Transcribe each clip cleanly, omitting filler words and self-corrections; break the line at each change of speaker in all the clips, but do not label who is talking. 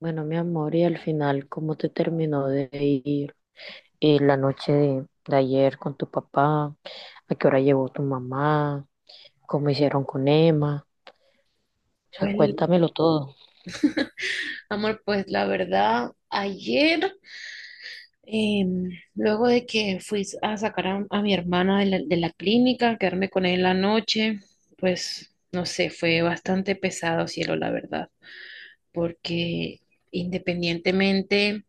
Bueno, mi amor, y al final, ¿cómo te terminó de ir la noche de ayer con tu papá? ¿A qué hora llegó tu mamá? ¿Cómo hicieron con Emma? O sea,
Pues,
cuéntamelo todo.
amor, pues la verdad, ayer, em, luego de que fui a sacar a mi hermana de la clínica, quedarme con él la noche, pues no sé, fue bastante pesado, cielo, la verdad, porque independientemente,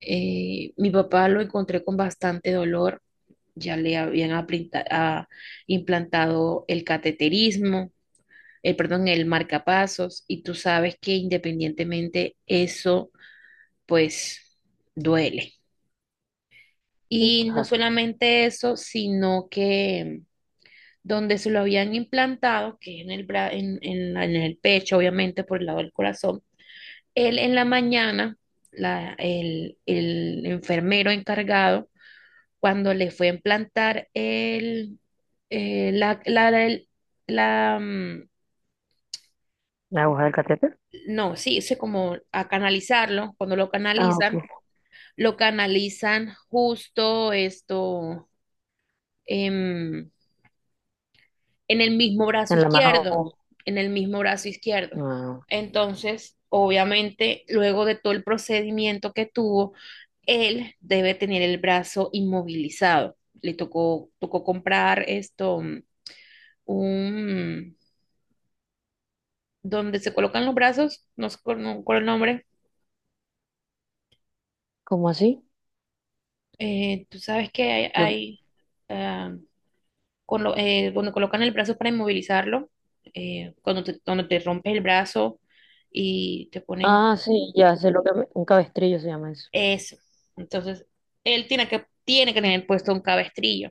mi papá lo encontré con bastante dolor, ya le habían implantado el cateterismo, perdón, el marcapasos, y tú sabes que independientemente eso pues duele.
Sí,
Y no
claro.
solamente eso, sino que donde se lo habían implantado, que es en el, bra- en la- en el pecho, obviamente por el lado del corazón. Él en la mañana, el enfermero encargado, cuando le fue a implantar el, la, la, el- la, mm,
¿La aguja del catéter?
no, sí, sé como a canalizarlo, cuando
Ah, ok.
lo canalizan justo esto, em, en el mismo brazo
En la mano.
izquierdo, en el mismo brazo izquierdo.
Ah.
Entonces, obviamente, luego de todo el procedimiento que tuvo, él debe tener el brazo inmovilizado. Le tocó comprar esto, un, donde se colocan los brazos, no sé cuál no, cuál es el nombre.
¿Cómo así?
Tú sabes que
¿Dó-
hay cuando colocan el brazo para inmovilizarlo, cuando te rompes el brazo y te ponen.
Ah, sí, ya sé lo que me- un cabestrillo se llama eso.
Eso. Entonces, él tiene que tener puesto un cabestrillo.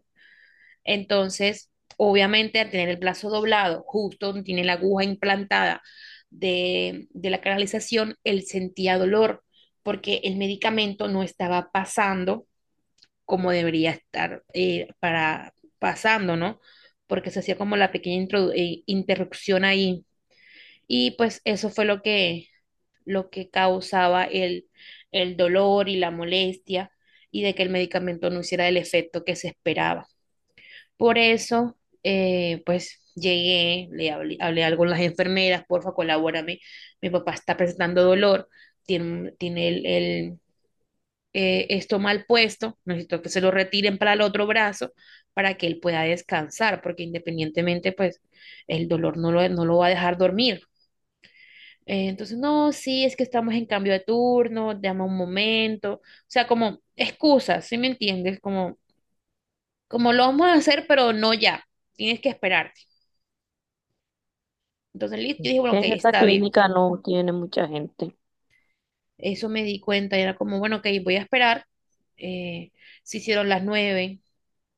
Entonces, obviamente, al tener el brazo doblado, justo donde tiene la aguja implantada de la canalización, él sentía dolor porque el medicamento no estaba pasando como debería estar para pasando, ¿no? Porque se hacía como la pequeña interrupción ahí. Y pues eso fue lo que causaba el dolor y la molestia, y de que el medicamento no hiciera el efecto que se esperaba. Por eso, pues llegué, hablé algo con las enfermeras: porfa, colabórame, mi papá está presentando dolor, tiene esto mal puesto, necesito que se lo retiren para el otro brazo para que él pueda descansar, porque independientemente, pues el dolor no lo va a dejar dormir. Entonces, no, sí, es que estamos en cambio de turno, llama un momento, o sea, como excusas, ¿sí me entiendes? Como lo vamos a hacer, pero no ya, tienes que esperarte. Entonces, listo, yo dije, bueno,
Que
ok,
en esa
está bien.
clínica no tiene mucha gente.
Eso me di cuenta, y era como, bueno, ok, voy a esperar. Eh, se hicieron las 9,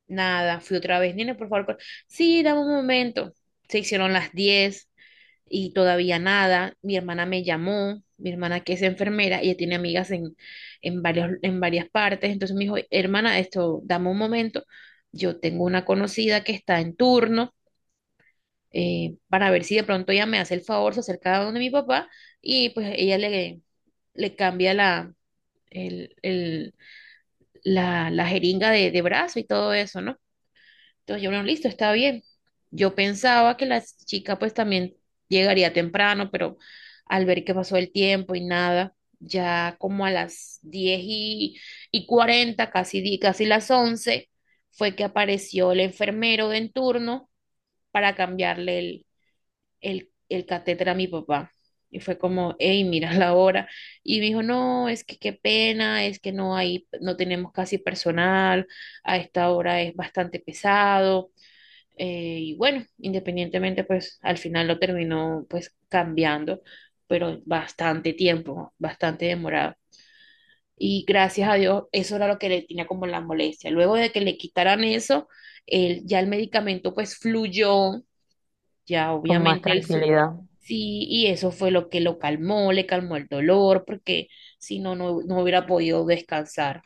nada, fui otra vez, nene, por favor, sí, dame un momento. Se hicieron las 10, y todavía nada. Mi hermana me llamó, mi hermana que es enfermera, ella tiene amigas en varias partes, entonces me dijo, hermana, esto, dame un momento, yo tengo una conocida que está en turno, para ver si de pronto ella me hace el favor, se acerca a donde mi papá y pues ella le cambia la, el- la jeringa de brazo y todo eso, ¿no? Entonces yo, bueno, listo, está bien. Yo pensaba que la chica pues también llegaría temprano, pero al ver que pasó el tiempo y nada, ya como a las 10 y 40, casi las 11, fue que apareció el enfermero de en turno para cambiarle el catéter a mi papá. Y fue como, hey, mira la hora. Y me dijo, no, es que qué pena, es que no tenemos casi personal, a esta hora es bastante pesado. Y bueno, independientemente, pues al final lo terminó pues cambiando, pero bastante tiempo, bastante demorado. Y gracias a Dios, eso era lo que le tenía como la molestia. Luego de que le quitaran eso, él, ya el medicamento pues fluyó, ya
Con más
obviamente
tranquilidad.
sí, y eso fue lo que lo calmó, le calmó el dolor, porque si no, no hubiera podido descansar.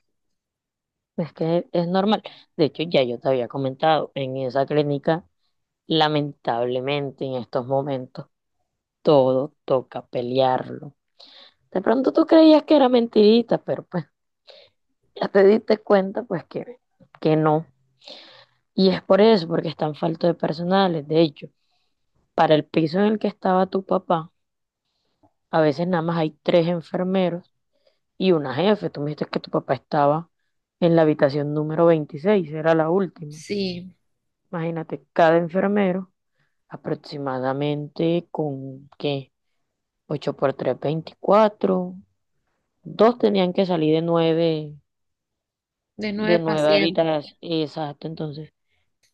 Es que es normal. De hecho, ya yo te había comentado, en esa clínica, lamentablemente, en estos momentos todo toca pelearlo. De pronto tú creías que era mentirita, pero pues ya te diste cuenta pues que no. Y es por eso, porque están faltos de personales. De hecho, para el piso en el que estaba tu papá, a veces nada más hay tres enfermeros y una jefe. Tú me dijiste que tu papá estaba en la habitación número 26, era la última.
Sí,
Imagínate, cada enfermero aproximadamente con, ¿qué? 8 por 3, 24 Dos tenían que salir
de
de
nueve
nueve
pacientes.
habitaciones. Exacto, entonces.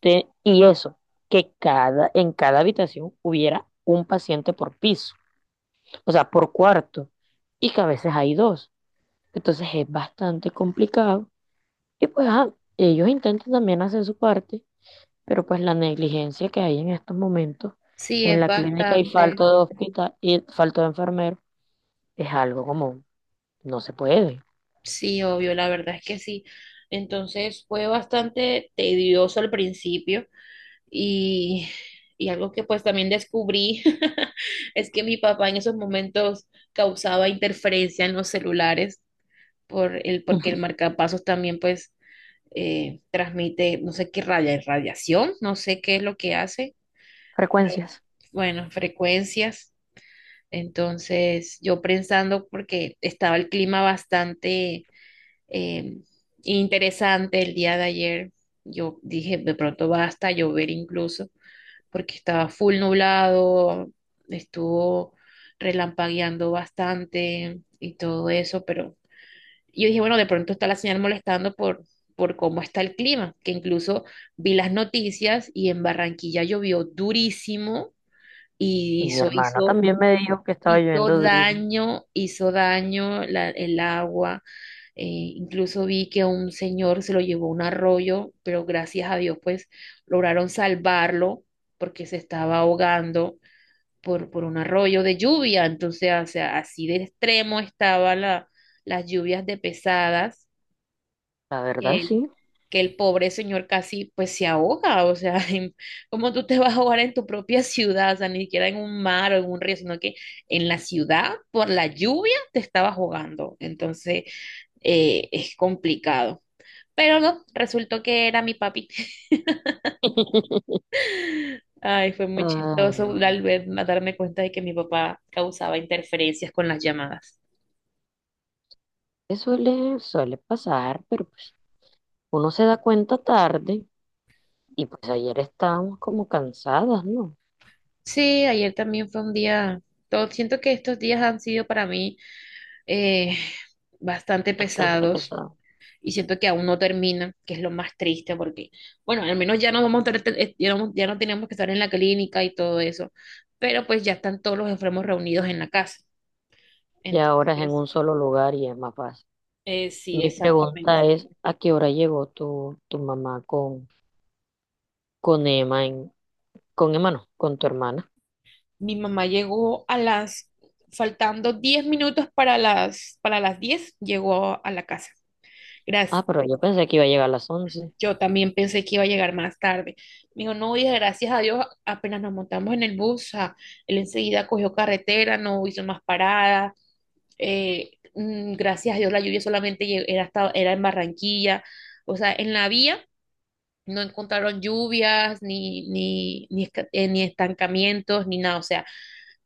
Te- y eso, que cada, en cada habitación hubiera un paciente por piso, o sea, por cuarto, y que a veces hay dos. Entonces es bastante complicado. Y pues ajá, ellos intentan también hacer su parte, pero pues la negligencia que hay en estos momentos
Sí,
en
es
la clínica y falta
bastante.
de hospital y falta de enfermero es algo como no se puede.
Sí, obvio, la verdad es que sí. Entonces fue bastante tedioso al principio y, y algo que pues también descubrí es que mi papá en esos momentos causaba interferencia en los celulares por el, porque el marcapasos también pues transmite, no sé qué raya, radiación, no sé qué es lo que hace, pero
Frecuencias.
bueno, frecuencias. Entonces yo pensando porque estaba el clima bastante eh, interesante el día de ayer. Yo dije, de pronto basta llover incluso, porque estaba full nublado, estuvo relampagueando bastante y todo eso, pero yo dije, bueno, de pronto está la señal molestando por cómo está el clima, que incluso vi las noticias y en Barranquilla llovió durísimo y
Y mi
hizo,
hermana
hizo,
también me dijo que estaba
hizo
lloviendo durísimo.
daño, hizo daño el agua, incluso vi que un señor se lo llevó un arroyo, pero gracias a Dios, pues lograron salvarlo porque se estaba ahogando por un arroyo de lluvia. Entonces, o sea, así de extremo estaban las lluvias de pesadas,
La verdad,
que el,
sí.
que el pobre señor casi pues se ahoga. O sea, ¿cómo tú te vas a ahogar en tu propia ciudad? O sea, ni siquiera en un mar o en un río, sino que en la ciudad, por la lluvia, te estabas ahogando. Entonces, es complicado. Pero no, resultó que era mi papi. Ay, fue muy
Ay,
chistoso
no.
a darme cuenta de que mi papá causaba interferencias con las llamadas.
Que suele pasar, pero pues uno se da cuenta tarde y pues ayer estábamos como cansadas, ¿no?
Sí, ayer también fue un día, todo, siento que estos días han sido para mí eh, bastante
Bastante
pesados,
pesadas.
y siento que aún no terminan, que es lo más triste porque, bueno, al menos ya no vamos a tener- ya no, ya no tenemos que estar en la clínica y todo eso, pero pues ya están todos los enfermos reunidos en la casa.
Y ahora es en
Entonces,
un solo lugar y es más fácil.
sí,
Mi pregunta
exactamente.
es, ¿a qué hora llegó tu mamá con Emma, en- con Emma no, con tu hermana?
Mi mamá llegó faltando 10 minutos para las diez, llegó a la casa. Gracias.
Ah, pero yo pensé que iba a llegar a las 11.
Yo también pensé que iba a llegar más tarde. Me dijo, no, hija, gracias a Dios, apenas nos montamos en el bus, o él enseguida cogió carretera, no hizo más paradas. Gracias a Dios, la lluvia solamente era en Barranquilla. O sea, en la vía no encontraron lluvias, ni estancamientos, ni nada. O sea,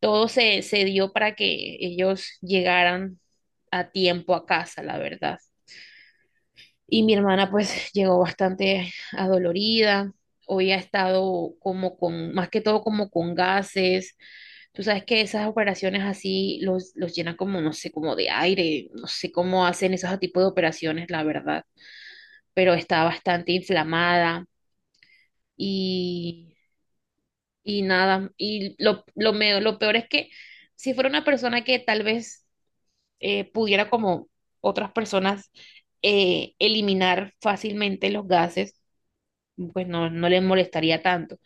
todo se dio para que ellos llegaran a tiempo a casa, la verdad. Y mi hermana pues llegó bastante adolorida, hoy ha estado más que todo como con gases. Tú sabes que esas operaciones así los llenan como, no sé, como de aire, no sé cómo hacen esos tipos de operaciones, la verdad, pero está bastante inflamada, y, y nada, y lo peor es que si fuera una persona que tal vez pudiera como otras personas eliminar fácilmente los gases, pues no le molestaría tanto.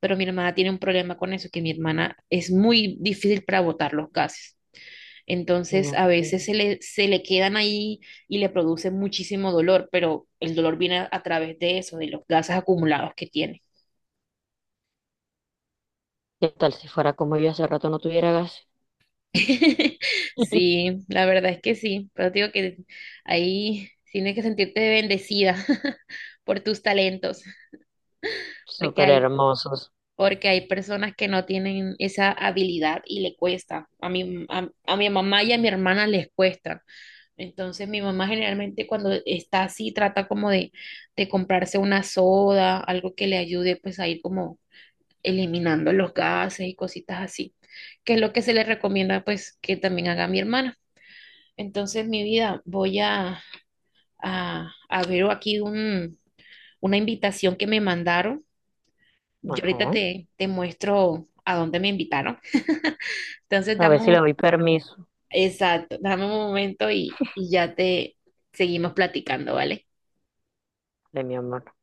Pero mi hermana tiene un problema con eso, que mi hermana es muy difícil para botar los gases. Entonces, a
Imagínate.
veces se le quedan ahí y le produce muchísimo dolor, pero el dolor viene a través de eso, de los gases acumulados que tiene.
¿Qué tal si fuera como yo hace rato no tuviera gas?
Sí, la verdad es que sí, pero te digo que ahí tienes que sentirte bendecida por tus talentos. porque
Súper
hay,
hermosos.
porque hay personas que no tienen esa habilidad y le cuesta. A mi mamá y a mi hermana les cuesta. Entonces mi mamá generalmente cuando está así trata como de comprarse una soda, algo que le ayude pues a ir como eliminando los gases y cositas así, que es lo que se le recomienda pues que también haga mi hermana. Entonces mi vida voy a ver aquí una invitación que me mandaron. Yo ahorita
Ajá.
te muestro a dónde me invitaron. Entonces,
A ver si le doy permiso
exacto, dame un momento y ya te seguimos platicando, ¿vale?
de mi amor.